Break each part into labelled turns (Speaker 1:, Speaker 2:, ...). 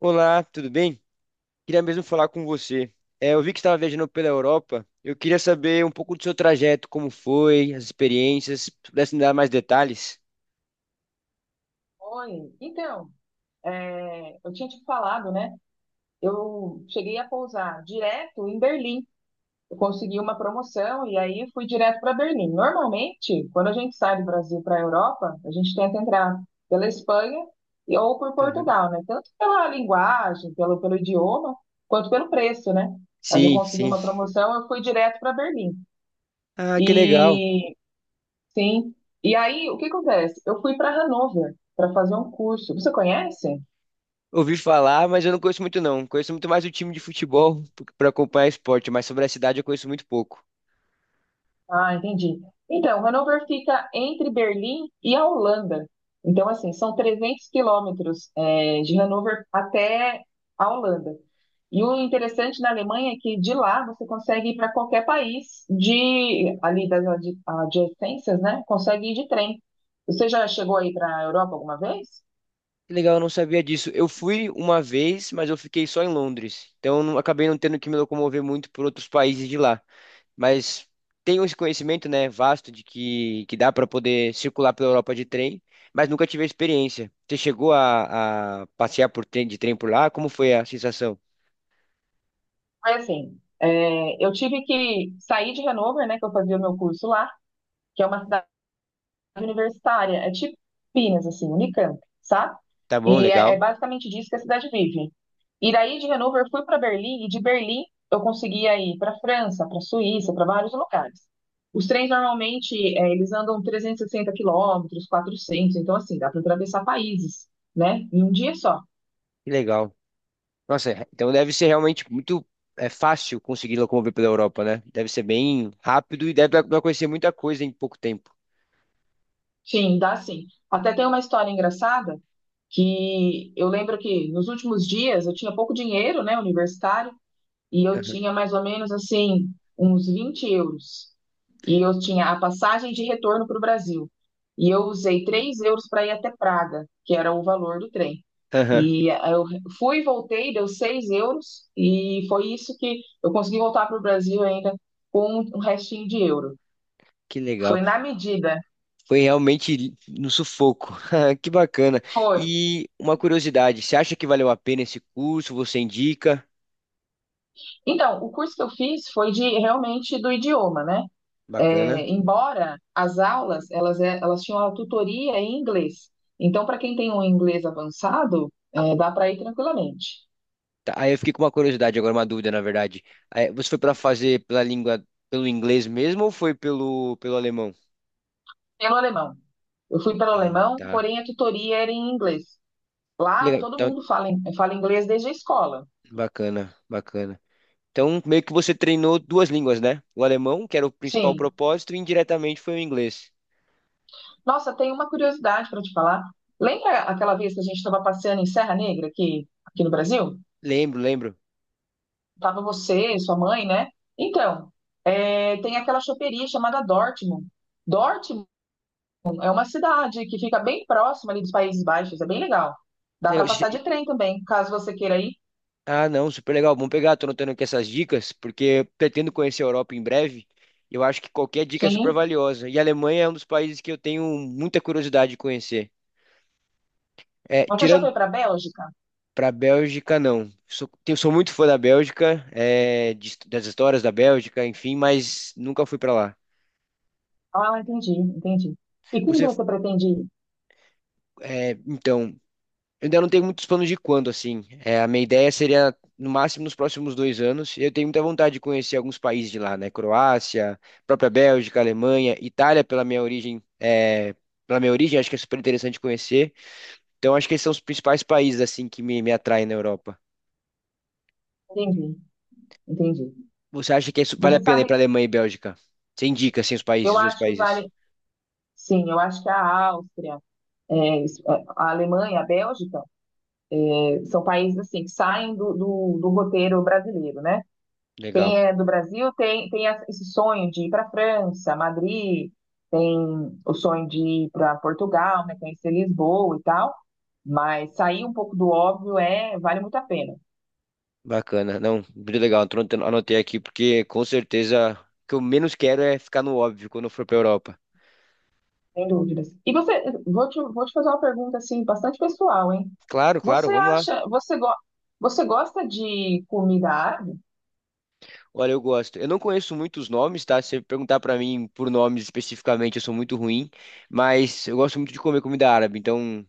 Speaker 1: Olá, tudo bem? Queria mesmo falar com você. É, eu vi que estava viajando pela Europa. Eu queria saber um pouco do seu trajeto, como foi, as experiências. Se pudesse me dar mais detalhes?
Speaker 2: Oi, então, eu tinha te falado, né? Eu cheguei a pousar direto em Berlim. Eu consegui uma promoção e aí fui direto para Berlim. Normalmente, quando a gente sai do Brasil para a Europa, a gente tenta entrar pela Espanha ou por
Speaker 1: Aham.
Speaker 2: Portugal, né? Tanto pela linguagem, pelo idioma, quanto pelo preço, né? Mas eu
Speaker 1: Sim,
Speaker 2: consegui
Speaker 1: sim.
Speaker 2: uma promoção, eu fui direto para Berlim.
Speaker 1: Ah, que legal.
Speaker 2: E sim, e aí o que acontece? Eu fui para Hannover para fazer um curso. Você conhece?
Speaker 1: Ouvi falar, mas eu não conheço muito não. Conheço muito mais o time de futebol para acompanhar esporte, mas sobre a cidade eu conheço muito pouco.
Speaker 2: Ah, entendi. Então, Hannover fica entre Berlim e a Holanda. Então, assim, são 300 quilômetros, de Hannover até a Holanda. E o interessante na Alemanha é que de lá você consegue ir para qualquer país de ali das adjacências, né? Consegue ir de trem. Você já chegou aí para a Europa alguma vez?
Speaker 1: Que legal, eu não sabia disso. Eu fui uma vez, mas eu fiquei só em Londres. Então eu não- acabei não tendo que me locomover muito por outros países de lá. Mas tenho esse conhecimento, né, vasto de que dá para poder circular pela Europa de trem, mas nunca tive a experiência. Você chegou a passear por trem, de trem por lá? Como foi a sensação?
Speaker 2: Foi assim, eu tive que sair de Hannover, né? Que eu fazia o meu curso lá, que é uma cidade universitária, é tipo Pinas, assim, Unicamp, sabe?
Speaker 1: Tá bom,
Speaker 2: E
Speaker 1: legal.
Speaker 2: é basicamente disso que a cidade vive. E daí de Hannover eu fui para Berlim e de Berlim eu conseguia ir para França, para Suíça, para vários lugares. Os trens normalmente eles andam 360 quilômetros, 400, então assim, dá para atravessar países, né? Em um dia só.
Speaker 1: Que legal. Nossa, então deve ser realmente muito é, fácil conseguir locomover pela Europa, né? Deve ser bem rápido e deve dar pra conhecer muita coisa em pouco tempo.
Speaker 2: Sim, dá sim. Até tem uma história engraçada que eu lembro que nos últimos dias eu tinha pouco dinheiro, né, universitário, e eu
Speaker 1: Aham.
Speaker 2: tinha mais ou menos assim uns 20 euros. E eu tinha a passagem de retorno para o Brasil. E eu usei 3 euros para ir até Praga, que era o valor do trem.
Speaker 1: Aham.
Speaker 2: E eu fui e voltei, deu 6 euros, e foi isso que eu consegui voltar para o Brasil ainda com um restinho de euro.
Speaker 1: Que legal.
Speaker 2: Foi na medida,
Speaker 1: Foi realmente no sufoco. Que bacana.
Speaker 2: foi.
Speaker 1: E uma curiosidade, você acha que valeu a pena esse curso? Você indica?
Speaker 2: Então, o curso que eu fiz foi de realmente do idioma, né?
Speaker 1: Bacana.
Speaker 2: É, embora as aulas elas tinham a tutoria em inglês. Então, para quem tem um inglês avançado, dá para ir tranquilamente.
Speaker 1: Tá, aí eu fiquei com uma curiosidade, agora uma dúvida, na verdade. Aí, você foi para fazer pela língua, pelo inglês mesmo ou foi pelo alemão?
Speaker 2: Pelo alemão. Eu fui pelo
Speaker 1: Ah,
Speaker 2: alemão,
Speaker 1: tá.
Speaker 2: porém a tutoria era em inglês.
Speaker 1: Que
Speaker 2: Lá
Speaker 1: Legal.
Speaker 2: todo
Speaker 1: Então,
Speaker 2: mundo fala, fala inglês desde a escola.
Speaker 1: bacana, bacana. Então, meio que você treinou duas línguas, né? O alemão, que era o principal
Speaker 2: Sim.
Speaker 1: propósito, e indiretamente foi o inglês.
Speaker 2: Nossa, tem uma curiosidade para te falar. Lembra aquela vez que a gente estava passeando em Serra Negra aqui, aqui no Brasil?
Speaker 1: Lembro, lembro.
Speaker 2: Tava você, sua mãe, né? Então, tem aquela choperia chamada Dortmund. Dortmund é uma cidade que fica bem próxima ali dos Países Baixos, é bem legal.
Speaker 1: Que
Speaker 2: Dá para
Speaker 1: legal.
Speaker 2: passar de trem também, caso você queira ir.
Speaker 1: Ah, não, super legal. Vamos pegar, tô anotando aqui essas dicas, porque eu pretendo conhecer a Europa em breve. E eu acho que qualquer dica é super
Speaker 2: Sim.
Speaker 1: valiosa. E a Alemanha é um dos países que eu tenho muita curiosidade de conhecer. É,
Speaker 2: Você já
Speaker 1: tirando.
Speaker 2: foi para a Bélgica?
Speaker 1: Para a Bélgica, não. Sou, eu sou muito fã da Bélgica, é, das histórias da Bélgica, enfim, mas nunca fui para lá.
Speaker 2: Ah, entendi, entendi. E quando
Speaker 1: Você,
Speaker 2: você pretende ir?
Speaker 1: é, então, eu ainda não tenho muitos planos de quando, assim. É, a minha ideia seria, no máximo, nos próximos 2 anos. Eu tenho muita vontade de conhecer alguns países de lá, né? Croácia, própria Bélgica, Alemanha, Itália, pela minha origem, é, pela minha origem, acho que é super interessante conhecer. Então, acho que esses são os principais países, assim, que me atraem na Europa.
Speaker 2: Entendi, entendi.
Speaker 1: Você acha que isso vale
Speaker 2: Você
Speaker 1: a pena ir para
Speaker 2: sabe,
Speaker 1: Alemanha e Bélgica? Você indica, assim, os países,
Speaker 2: eu
Speaker 1: os dois
Speaker 2: acho que
Speaker 1: países.
Speaker 2: vale. Sim, eu acho que a Áustria, é isso, a Alemanha, a Bélgica, são países assim que saem do roteiro brasileiro, né?
Speaker 1: Legal,
Speaker 2: Tem, do Brasil esse sonho de ir para França, Madrid, tem o sonho de ir para Portugal, né, conhecer Lisboa e tal, mas sair um pouco do óbvio vale muito a pena,
Speaker 1: bacana. Não, muito legal. Tô anotando. Anotei aqui, porque com certeza o que eu menos quero é ficar no óbvio quando eu for para Europa.
Speaker 2: sem dúvidas. E você, vou te fazer uma pergunta assim, bastante pessoal, hein?
Speaker 1: Claro, claro,
Speaker 2: Você
Speaker 1: vamos lá.
Speaker 2: acha, você gosta de comida árabe?
Speaker 1: Olha, eu gosto. Eu não conheço muitos nomes, tá? Se você perguntar para mim por nomes especificamente, eu sou muito ruim, mas eu gosto muito de comer comida árabe, então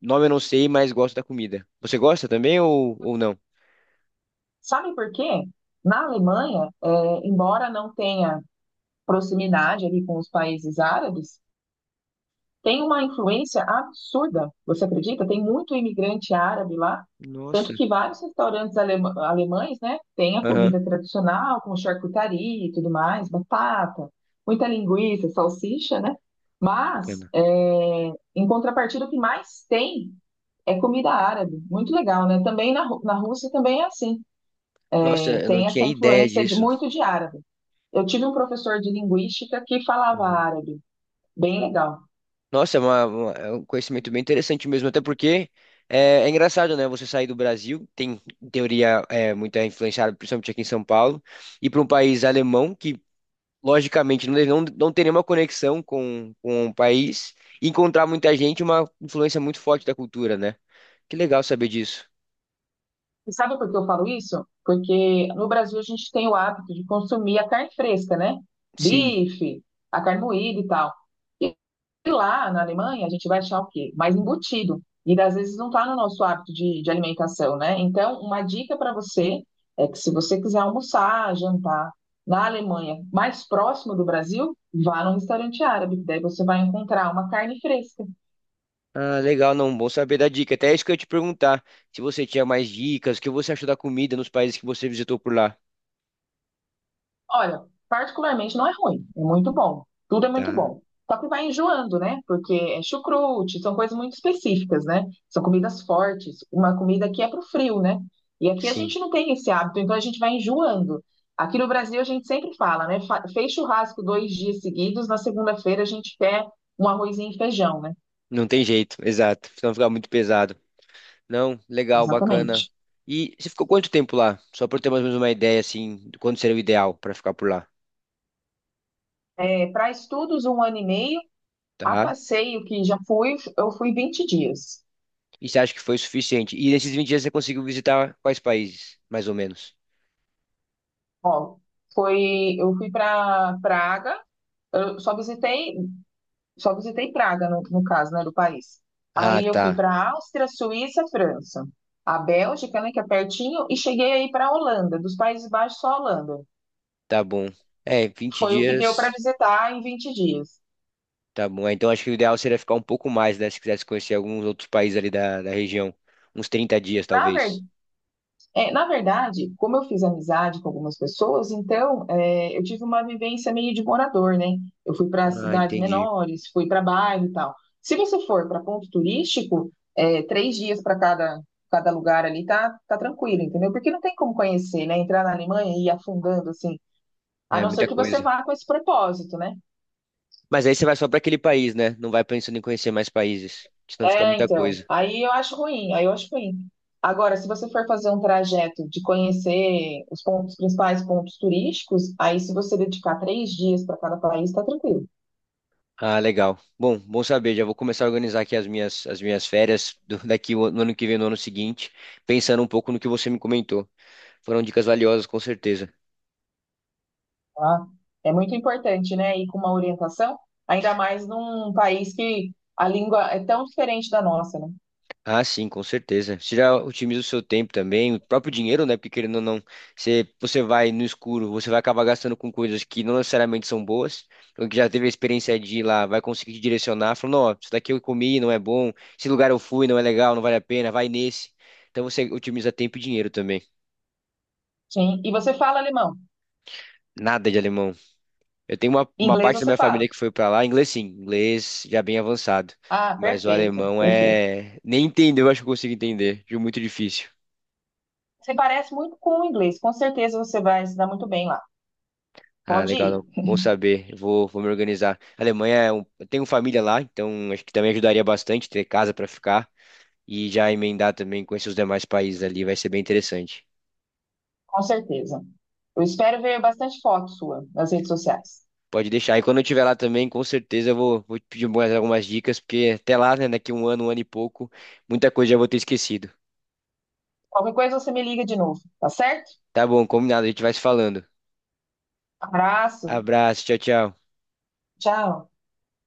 Speaker 1: nome eu não sei, mas gosto da comida. Você gosta também ou não?
Speaker 2: Sabe por quê? Na Alemanha, embora não tenha proximidade ali com os países árabes, tem uma influência absurda. Você acredita? Tem muito imigrante árabe lá,
Speaker 1: Nossa.
Speaker 2: tanto que vários restaurantes alemães, né, têm a
Speaker 1: Aham,
Speaker 2: comida tradicional, com charcutaria e tudo mais, batata, muita linguiça, salsicha, né? Mas,
Speaker 1: bacana.
Speaker 2: em contrapartida, o que mais tem é comida árabe. Muito legal, né? Também na, na Rússia também é assim.
Speaker 1: Nossa,
Speaker 2: É,
Speaker 1: eu não
Speaker 2: tem
Speaker 1: tinha
Speaker 2: essa
Speaker 1: ideia
Speaker 2: influência de
Speaker 1: disso.
Speaker 2: muito de árabe. Eu tive um professor de linguística que falava árabe. Bem legal.
Speaker 1: Nossa, é, é um conhecimento bem interessante mesmo, até porque é, é engraçado, né? Você sair do Brasil, tem, em teoria, é, muita influenciada, principalmente aqui em São Paulo, e para um país alemão que, logicamente, não, não, não tem nenhuma conexão com o país, e encontrar muita gente, é uma influência muito forte da cultura, né? Que legal saber disso.
Speaker 2: E sabe por que eu falo isso? Porque no Brasil a gente tem o hábito de consumir a carne fresca, né?
Speaker 1: Sim.
Speaker 2: Bife, a carne moída e tal. E lá na Alemanha a gente vai achar o quê? Mais embutido. E às vezes não está no nosso hábito de alimentação, né? Então, uma dica para você é que se você quiser almoçar, jantar na Alemanha, mais próximo do Brasil, vá num restaurante árabe. Daí você vai encontrar uma carne fresca.
Speaker 1: Ah, legal, não, bom saber da dica. Até isso que eu ia te perguntar, se você tinha mais dicas, o que você achou da comida nos países que você visitou por lá.
Speaker 2: Olha, particularmente não é ruim, é muito bom. Tudo é muito
Speaker 1: Tá.
Speaker 2: bom. Só que vai enjoando, né? Porque é chucrute, são coisas muito específicas, né? São comidas fortes, uma comida que é pro frio, né? E aqui a
Speaker 1: Sim.
Speaker 2: gente não tem esse hábito, então a gente vai enjoando. Aqui no Brasil a gente sempre fala, né? Fez churrasco 2 dias seguidos, na segunda-feira a gente quer um arrozinho e feijão, né?
Speaker 1: Não tem jeito, exato. Senão fica muito pesado. Não, legal, bacana.
Speaker 2: Exatamente.
Speaker 1: E você ficou quanto tempo lá? Só para ter mais ou menos uma ideia, assim, de quando seria o ideal para ficar por lá,
Speaker 2: É, para estudos, um ano e meio. A
Speaker 1: tá?
Speaker 2: passeio que já fui, eu fui 20 dias.
Speaker 1: E você acha que foi suficiente? E nesses 20 dias você conseguiu visitar quais países, mais ou menos?
Speaker 2: Ó, foi, eu fui para Praga, eu só visitei, só visitei Praga no caso, né, do país.
Speaker 1: Ah,
Speaker 2: Aí eu fui
Speaker 1: tá.
Speaker 2: para Áustria, Suíça, França, a Bélgica, né, que é pertinho, e cheguei aí para a Holanda, dos Países Baixos só a Holanda.
Speaker 1: Tá bom. É, 20
Speaker 2: Foi o que deu para
Speaker 1: dias.
Speaker 2: visitar em 20 dias.
Speaker 1: Tá bom. É, então acho que o ideal seria ficar um pouco mais, né? Se quisesse conhecer alguns outros países ali da região. Uns 30 dias,
Speaker 2: Na
Speaker 1: talvez.
Speaker 2: É, na verdade, como eu fiz amizade com algumas pessoas, então eu tive uma vivência meio de morador, né? Eu fui para
Speaker 1: Ah,
Speaker 2: cidades
Speaker 1: entendi.
Speaker 2: menores, fui para bairro e tal. Se você for para ponto turístico, 3 dias para cada lugar ali tá, tá tranquilo, entendeu? Porque não tem como conhecer, né? Entrar na Alemanha e ir afundando assim, a
Speaker 1: É
Speaker 2: não ser
Speaker 1: muita
Speaker 2: que você
Speaker 1: coisa.
Speaker 2: vá com esse propósito, né?
Speaker 1: Mas aí você vai só para aquele país, né? Não vai pensando em conhecer mais países, senão fica
Speaker 2: É,
Speaker 1: muita
Speaker 2: então.
Speaker 1: coisa.
Speaker 2: Aí eu acho ruim, aí eu acho ruim. Agora, se você for fazer um trajeto de conhecer os principais pontos turísticos, aí se você dedicar 3 dias para cada país, tá tranquilo,
Speaker 1: Ah, legal. Bom, bom saber. Já vou começar a organizar aqui as minhas férias daqui, no ano que vem, no ano seguinte, pensando um pouco no que você me comentou. Foram dicas valiosas, com certeza.
Speaker 2: tá? É muito importante, né? Ir com uma orientação, ainda mais num país que a língua é tão diferente da nossa, né?
Speaker 1: Ah, sim, com certeza. Você já otimiza o seu tempo também, o próprio dinheiro, né? Porque querendo ou não, você vai no escuro, você vai acabar gastando com coisas que não necessariamente são boas. Então, que já teve a experiência de ir lá, vai conseguir te direcionar, falando, ó, isso daqui eu comi, não é bom, esse lugar eu fui, não é legal, não vale a pena, vai nesse. Então você otimiza tempo e dinheiro também.
Speaker 2: Sim. E você fala alemão,
Speaker 1: Nada de alemão. Eu tenho uma
Speaker 2: inglês
Speaker 1: parte da
Speaker 2: você
Speaker 1: minha
Speaker 2: fala.
Speaker 1: família que foi pra lá, inglês sim, inglês já bem avançado.
Speaker 2: Ah,
Speaker 1: Mas o
Speaker 2: perfeito,
Speaker 1: alemão
Speaker 2: perfeito.
Speaker 1: é. Nem entendeu, acho que eu consigo entender. Viu? Muito difícil.
Speaker 2: Você parece muito com o inglês, com certeza você vai se dar muito bem lá.
Speaker 1: Ah,
Speaker 2: Pode
Speaker 1: legal,
Speaker 2: ir.
Speaker 1: não. Bom saber. Vou me organizar. A Alemanha, é um- eu tenho família lá, então acho que também ajudaria bastante ter casa para ficar e já emendar também com esses demais países ali, vai ser bem interessante.
Speaker 2: Com certeza. Eu espero ver bastante foto sua nas redes sociais.
Speaker 1: Pode deixar. E quando eu estiver lá também, com certeza eu vou te pedir mais algumas dicas, porque até lá, né, daqui um ano e pouco, muita coisa já vou ter esquecido.
Speaker 2: Qualquer coisa você me liga de novo, tá certo?
Speaker 1: Tá bom, combinado, a gente vai se falando.
Speaker 2: Abraço.
Speaker 1: Abraço, tchau, tchau.
Speaker 2: Tchau.